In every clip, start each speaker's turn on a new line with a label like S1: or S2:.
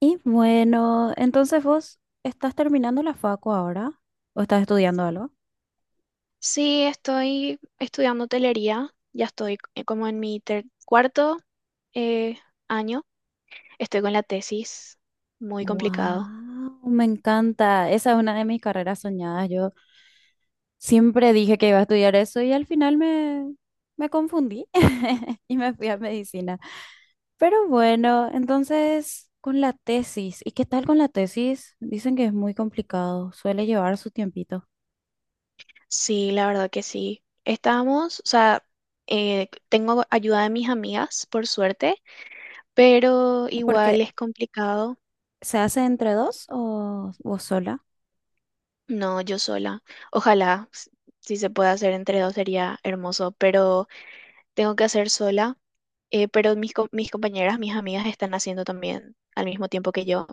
S1: Y bueno, entonces vos estás terminando la facu ahora o estás estudiando algo?
S2: Sí, estoy estudiando hotelería, ya estoy como en mi cuarto eh, año, estoy con la tesis, muy complicado.
S1: Wow, me encanta. Esa es una de mis carreras soñadas. Yo siempre dije que iba a estudiar eso y al final me confundí y me fui a medicina. Pero bueno, entonces con la tesis, ¿y qué tal con la tesis? Dicen que es muy complicado, suele llevar su tiempito.
S2: Sí, la verdad que sí. Estamos, o sea, tengo ayuda de mis amigas, por suerte, pero igual
S1: Porque
S2: es complicado.
S1: se hace entre dos o vos sola.
S2: No, yo sola. Ojalá, si se puede hacer entre dos sería hermoso, pero tengo que hacer sola. Pero mis, mis compañeras, mis amigas están haciendo también al mismo tiempo que yo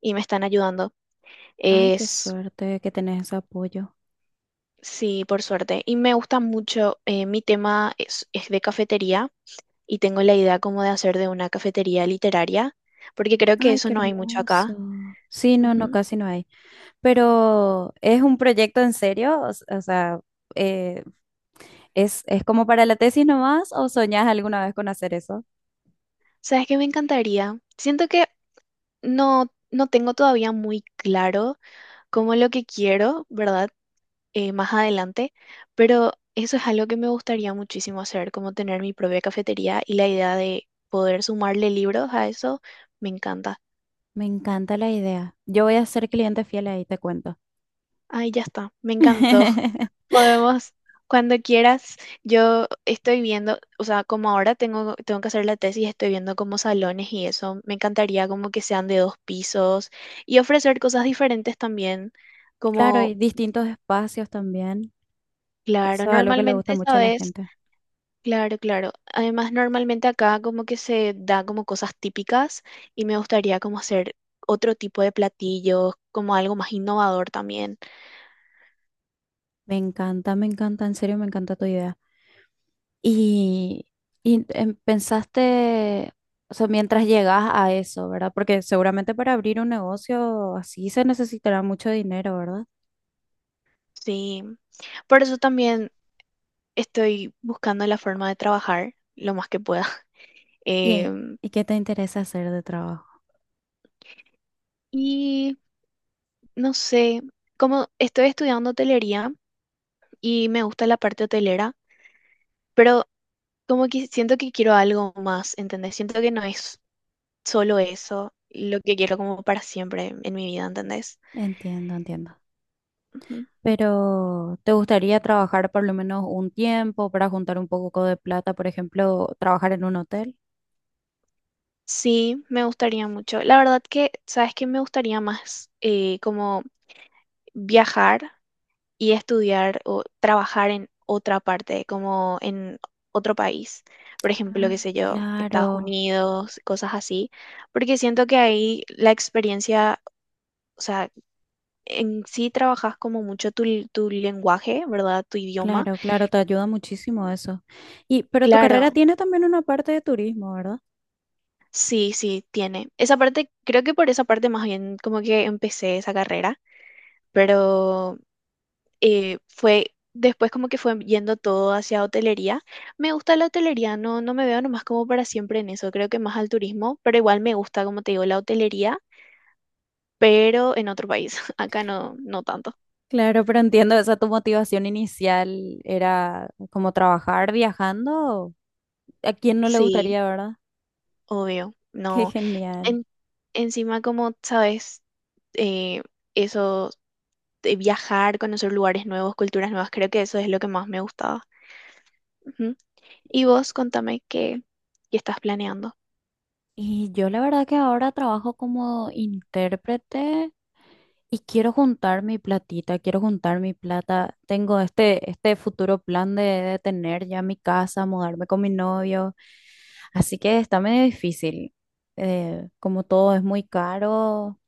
S2: y me están ayudando.
S1: Ay, qué
S2: Es,
S1: suerte que tenés ese apoyo.
S2: sí, por suerte. Y me gusta mucho, mi tema es de cafetería y tengo la idea como de hacer de una cafetería literaria, porque creo que
S1: Ay,
S2: eso
S1: qué
S2: no hay mucho
S1: hermoso.
S2: acá.
S1: Sí, no, no,
S2: Ujú.
S1: casi no hay. Pero ¿es un proyecto en serio? O, o sea, eh, es como para la tesis nomás o soñás alguna vez con hacer eso?
S2: ¿Sabes qué me encantaría? Siento que no tengo todavía muy claro como lo que quiero, ¿verdad? Más adelante, pero eso es algo que me gustaría muchísimo hacer, como tener mi propia cafetería y la idea de poder sumarle libros a eso, me encanta.
S1: Me encanta la idea. Yo voy a ser cliente fiel ahí, te cuento.
S2: Ay, ya está, me encantó. Podemos, cuando quieras, yo estoy viendo, o sea, como ahora tengo que hacer la tesis, estoy viendo como salones y eso. Me encantaría como que sean de dos pisos y ofrecer cosas diferentes también,
S1: Claro,
S2: como,
S1: y distintos espacios también.
S2: claro,
S1: Eso es algo que le gusta
S2: normalmente,
S1: mucho a la
S2: ¿sabes?
S1: gente.
S2: Claro, claro. Además, normalmente acá como que se da como cosas típicas y me gustaría como hacer otro tipo de platillos, como algo más innovador también.
S1: Me encanta, en serio, me encanta tu idea. Y, y pensaste, o sea, mientras llegas a eso, ¿verdad? Porque seguramente para abrir un negocio así se necesitará mucho dinero, ¿verdad?
S2: Sí. Por eso también estoy buscando la forma de trabajar lo más que pueda.
S1: ¿Y, eh,
S2: Em,
S1: y qué te interesa hacer de trabajo?
S2: y no sé, como estoy estudiando hotelería y me gusta la parte hotelera, pero como que siento que quiero algo más, ¿entendés? Siento que no es solo eso, lo que quiero como para siempre en mi vida, ¿entendés?
S1: Entiendo, entiendo.
S2: Ujú.
S1: Pero ¿te gustaría trabajar por lo menos un tiempo para juntar un poco de plata, por ejemplo, trabajar en un hotel?
S2: Sí, me gustaría mucho. La verdad que, ¿sabes qué? Me gustaría más como viajar y estudiar o trabajar en otra parte, como en otro país. Por ejemplo, qué
S1: Ah,
S2: sé yo, Estados
S1: claro,
S2: Unidos, cosas así, porque siento que ahí la experiencia, o sea, en sí trabajas como mucho tu lenguaje, ¿verdad? Tu idioma.
S1: claro, claro, te ayuda muchísimo eso. Y, pero tu carrera
S2: Claro,
S1: tiene también una parte de turismo, ¿verdad?
S2: sí, sí, tiene. Esa parte, creo que por esa parte más bien como que empecé esa carrera, pero fue, después como que fue yendo todo hacia hotelería. Me gusta la hotelería, no, no me veo nomás como para siempre en eso, creo que más al turismo, pero igual me gusta, como te digo, la hotelería, pero en otro país, acá no, no tanto.
S1: Claro, pero entiendo, esa tu motivación inicial era como trabajar viajando. ¿A quién no le
S2: Sí,
S1: gustaría, verdad?
S2: obvio,
S1: Qué
S2: no.
S1: genial.
S2: En- Encima, como sabes, eh, eso de viajar, conocer lugares nuevos, culturas nuevas, creo que eso es lo que más me gustaba. Ujú. Y vos, contame qué estás planeando.
S1: Y yo la verdad que ahora trabajo como intérprete y quiero juntar mi platita, quiero juntar mi plata. Tengo este futuro plan de tener ya mi casa, mudarme con mi novio. Así que está medio difícil. Como todo es muy caro,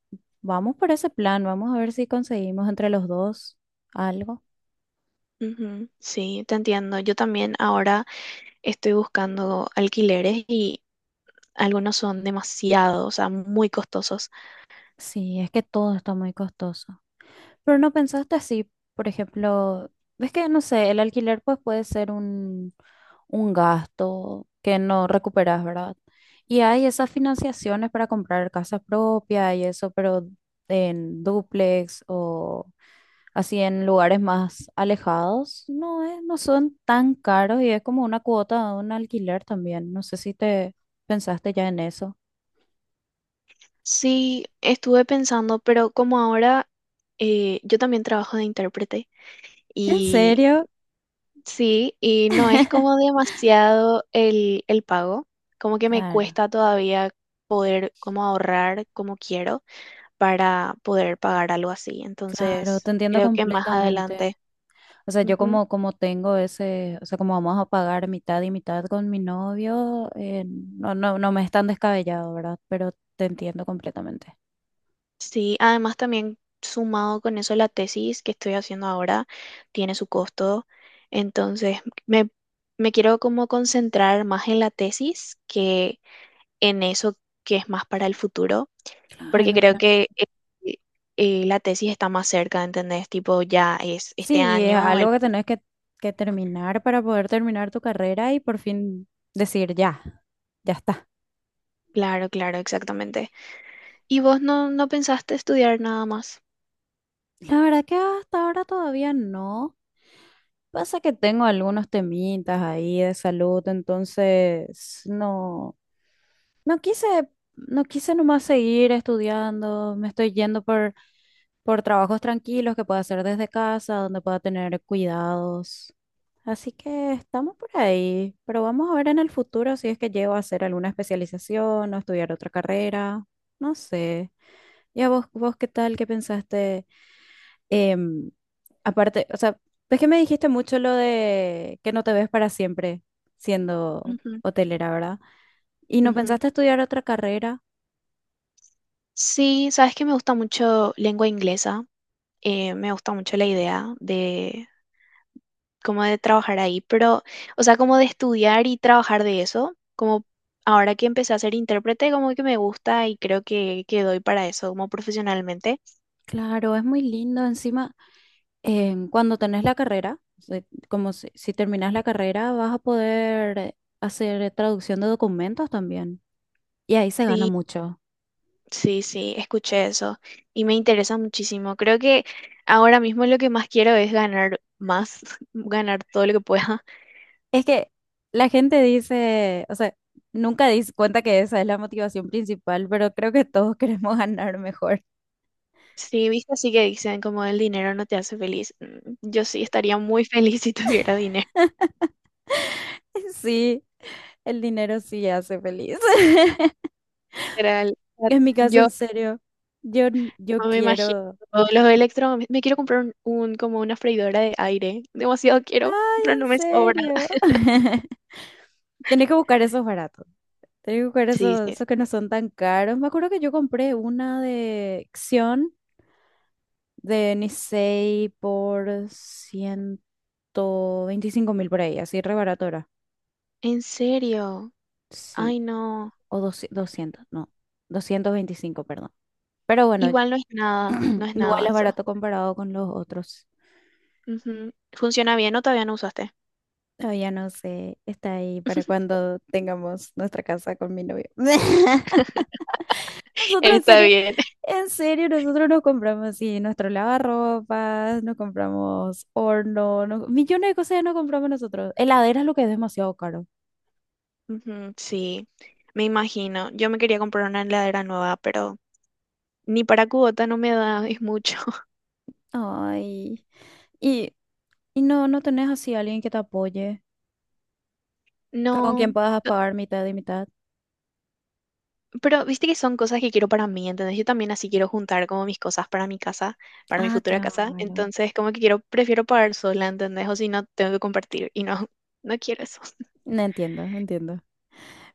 S1: vamos por ese plan, vamos a ver si conseguimos entre los dos algo.
S2: Ujú, sí, te entiendo. Yo también ahora estoy buscando alquileres y algunos son demasiado, o sea, muy costosos.
S1: Sí, es que todo está muy costoso. Pero no pensaste así, por ejemplo, ves que no sé, el alquiler pues puede ser un gasto que no recuperas, ¿verdad? Y hay esas financiaciones para comprar casa propia y eso, pero en dúplex o así en lugares más alejados, no es, no son tan caros y es como una cuota de un alquiler también. No sé si te pensaste ya en eso.
S2: Sí, estuve pensando, pero como ahora yo también trabajo de intérprete
S1: ¿En
S2: y
S1: serio?
S2: sí, y no es como demasiado el pago, como que me
S1: Claro,
S2: cuesta todavía poder como ahorrar como quiero para poder pagar algo así.
S1: claro,
S2: Entonces,
S1: te entiendo
S2: creo que más
S1: completamente.
S2: adelante.
S1: O sea, yo como tengo ese, o sea, como vamos a pagar mitad y mitad con mi novio, no, no, no me es tan descabellado, ¿verdad? Pero te entiendo completamente.
S2: Sí, además también sumado con eso la tesis que estoy haciendo ahora tiene su costo, entonces me, me quiero como concentrar más en la tesis que en eso que es más para el futuro, porque
S1: Claro,
S2: creo
S1: claro.
S2: que eh, la tesis está más cerca, ¿entendés? Tipo, ya es
S1: Sí,
S2: este
S1: y es
S2: año, el...
S1: algo que tenés que terminar para poder terminar tu carrera y por fin decir ya, ya está.
S2: Claro, claro, exactamente. ¿Y vos no pensaste estudiar nada más?
S1: La verdad que hasta ahora todavía no. Pasa que tengo algunos temitas ahí de salud, entonces no, no quise, no quise nomás seguir estudiando, me estoy yendo por trabajos tranquilos que pueda hacer desde casa, donde pueda tener cuidados. Así que estamos por ahí, pero vamos a ver en el futuro si es que llego a hacer alguna especialización o estudiar otra carrera, no sé. ¿Y a vos, vos qué tal? ¿Qué pensaste? Em, Aparte, o sea, ves que me dijiste mucho lo de que no te ves para siempre siendo
S2: Ujú,
S1: hotelera, ¿verdad? ¿Y no
S2: ujú.
S1: pensaste estudiar otra carrera?
S2: Sí, sabes que me gusta mucho lengua inglesa. Me gusta mucho la idea de como de trabajar ahí, pero, o sea, como de estudiar y trabajar de eso, como ahora que empecé a ser intérprete, como que me gusta y creo que doy para eso, como profesionalmente.
S1: Claro, es muy lindo. Encima, cuando tenés la carrera, o sea, como si terminas la carrera, vas a poder hacer traducción de documentos también. Y ahí se gana
S2: Sí,
S1: mucho.
S2: sí, sí, escuché eso y me interesa muchísimo. Creo que ahora mismo lo que más quiero es ganar más, ganar todo lo que pueda.
S1: Es que la gente dice, o sea, nunca dice cuenta que esa es la motivación principal, pero creo que todos queremos ganar mejor.
S2: Sí, viste, así que dicen como el dinero no te hace feliz. Mm, yo sí estaría muy feliz si tuviera dinero.
S1: Sí, el dinero sí hace feliz.
S2: Literal. O sea,
S1: En mi caso,
S2: yo
S1: en serio, yo, yo
S2: no me imagino.
S1: quiero.
S2: Los electro... Me quiero comprar un, como una freidora de aire. Demasiado quiero,
S1: Ay,
S2: pero no
S1: en
S2: me sobra.
S1: serio. Tenés que buscar esos baratos. Tengo que buscar
S2: Sí,
S1: esos,
S2: sí, sí.
S1: esos que no son tan caros. Me acuerdo que yo compré una de Xion de Nisei por 125.000 por ahí, así re barato era.
S2: ¿En serio?
S1: Sí,
S2: Ay, no.
S1: o 200, 200 no, 225 perdón. Pero bueno,
S2: Igual no es nada, no es
S1: igual
S2: nada
S1: es
S2: eso.
S1: barato comparado con los otros.
S2: Ujú. ¿Funciona bien o todavía no usaste?
S1: Todavía no sé, está ahí para cuando tengamos nuestra casa con mi novio. Nosotros
S2: Está bien.
S1: en serio, nosotros nos compramos así nuestro lavarropas, nos compramos horno, millones de cosas nos compramos nosotros. Heladera es lo que es demasiado caro.
S2: Ujú, sí, me imagino. Yo me quería comprar una heladera nueva, pero ni para cubota no me da, es mucho.
S1: Ay, y, y no, no tenés así alguien que te apoye, que con quien
S2: No.
S1: puedas pagar mitad y mitad.
S2: Pero viste que son cosas que quiero para mí, ¿entendés? Yo también así quiero juntar como mis cosas para mi casa, para mi
S1: Ah,
S2: futura casa.
S1: claro.
S2: Entonces, como que quiero, prefiero pagar sola, ¿entendés? O si no, tengo que compartir. Y no, no quiero eso.
S1: No entiendo, entiendo.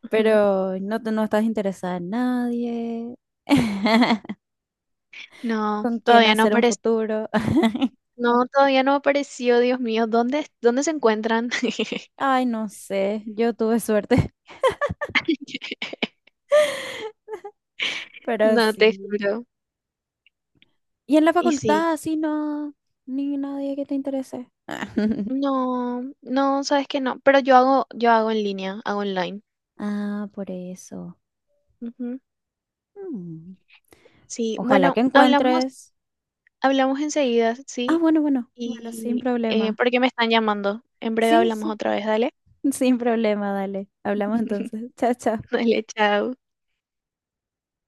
S2: Ujú.
S1: Pero no, no estás interesada en nadie.
S2: No,
S1: ¿Con quién
S2: todavía no
S1: hacer un
S2: apareció.
S1: futuro?
S2: No, todavía no apareció, Dios mío. ¿Dónde, dónde se encuentran?
S1: Ay, no sé, yo tuve suerte. Pero
S2: No, te
S1: sí.
S2: juro.
S1: Y en la
S2: Y sí.
S1: facultad, así no, ni nadie que te interese. Ah,
S2: No, no, sabes que no. Pero yo hago en línea, hago online.
S1: ah, por eso.
S2: Ujú.
S1: Mm.
S2: Sí,
S1: Ojalá
S2: bueno,
S1: que
S2: hablamos,
S1: encuentres.
S2: hablamos enseguida,
S1: Ah,
S2: ¿sí?
S1: bueno, bueno, bueno, sin
S2: Y
S1: problema.
S2: porque me están llamando. En breve
S1: Sí,
S2: hablamos
S1: sí,
S2: otra vez, dale.
S1: sin problema, dale. Hablamos entonces. Chao, chao.
S2: Dale, chao.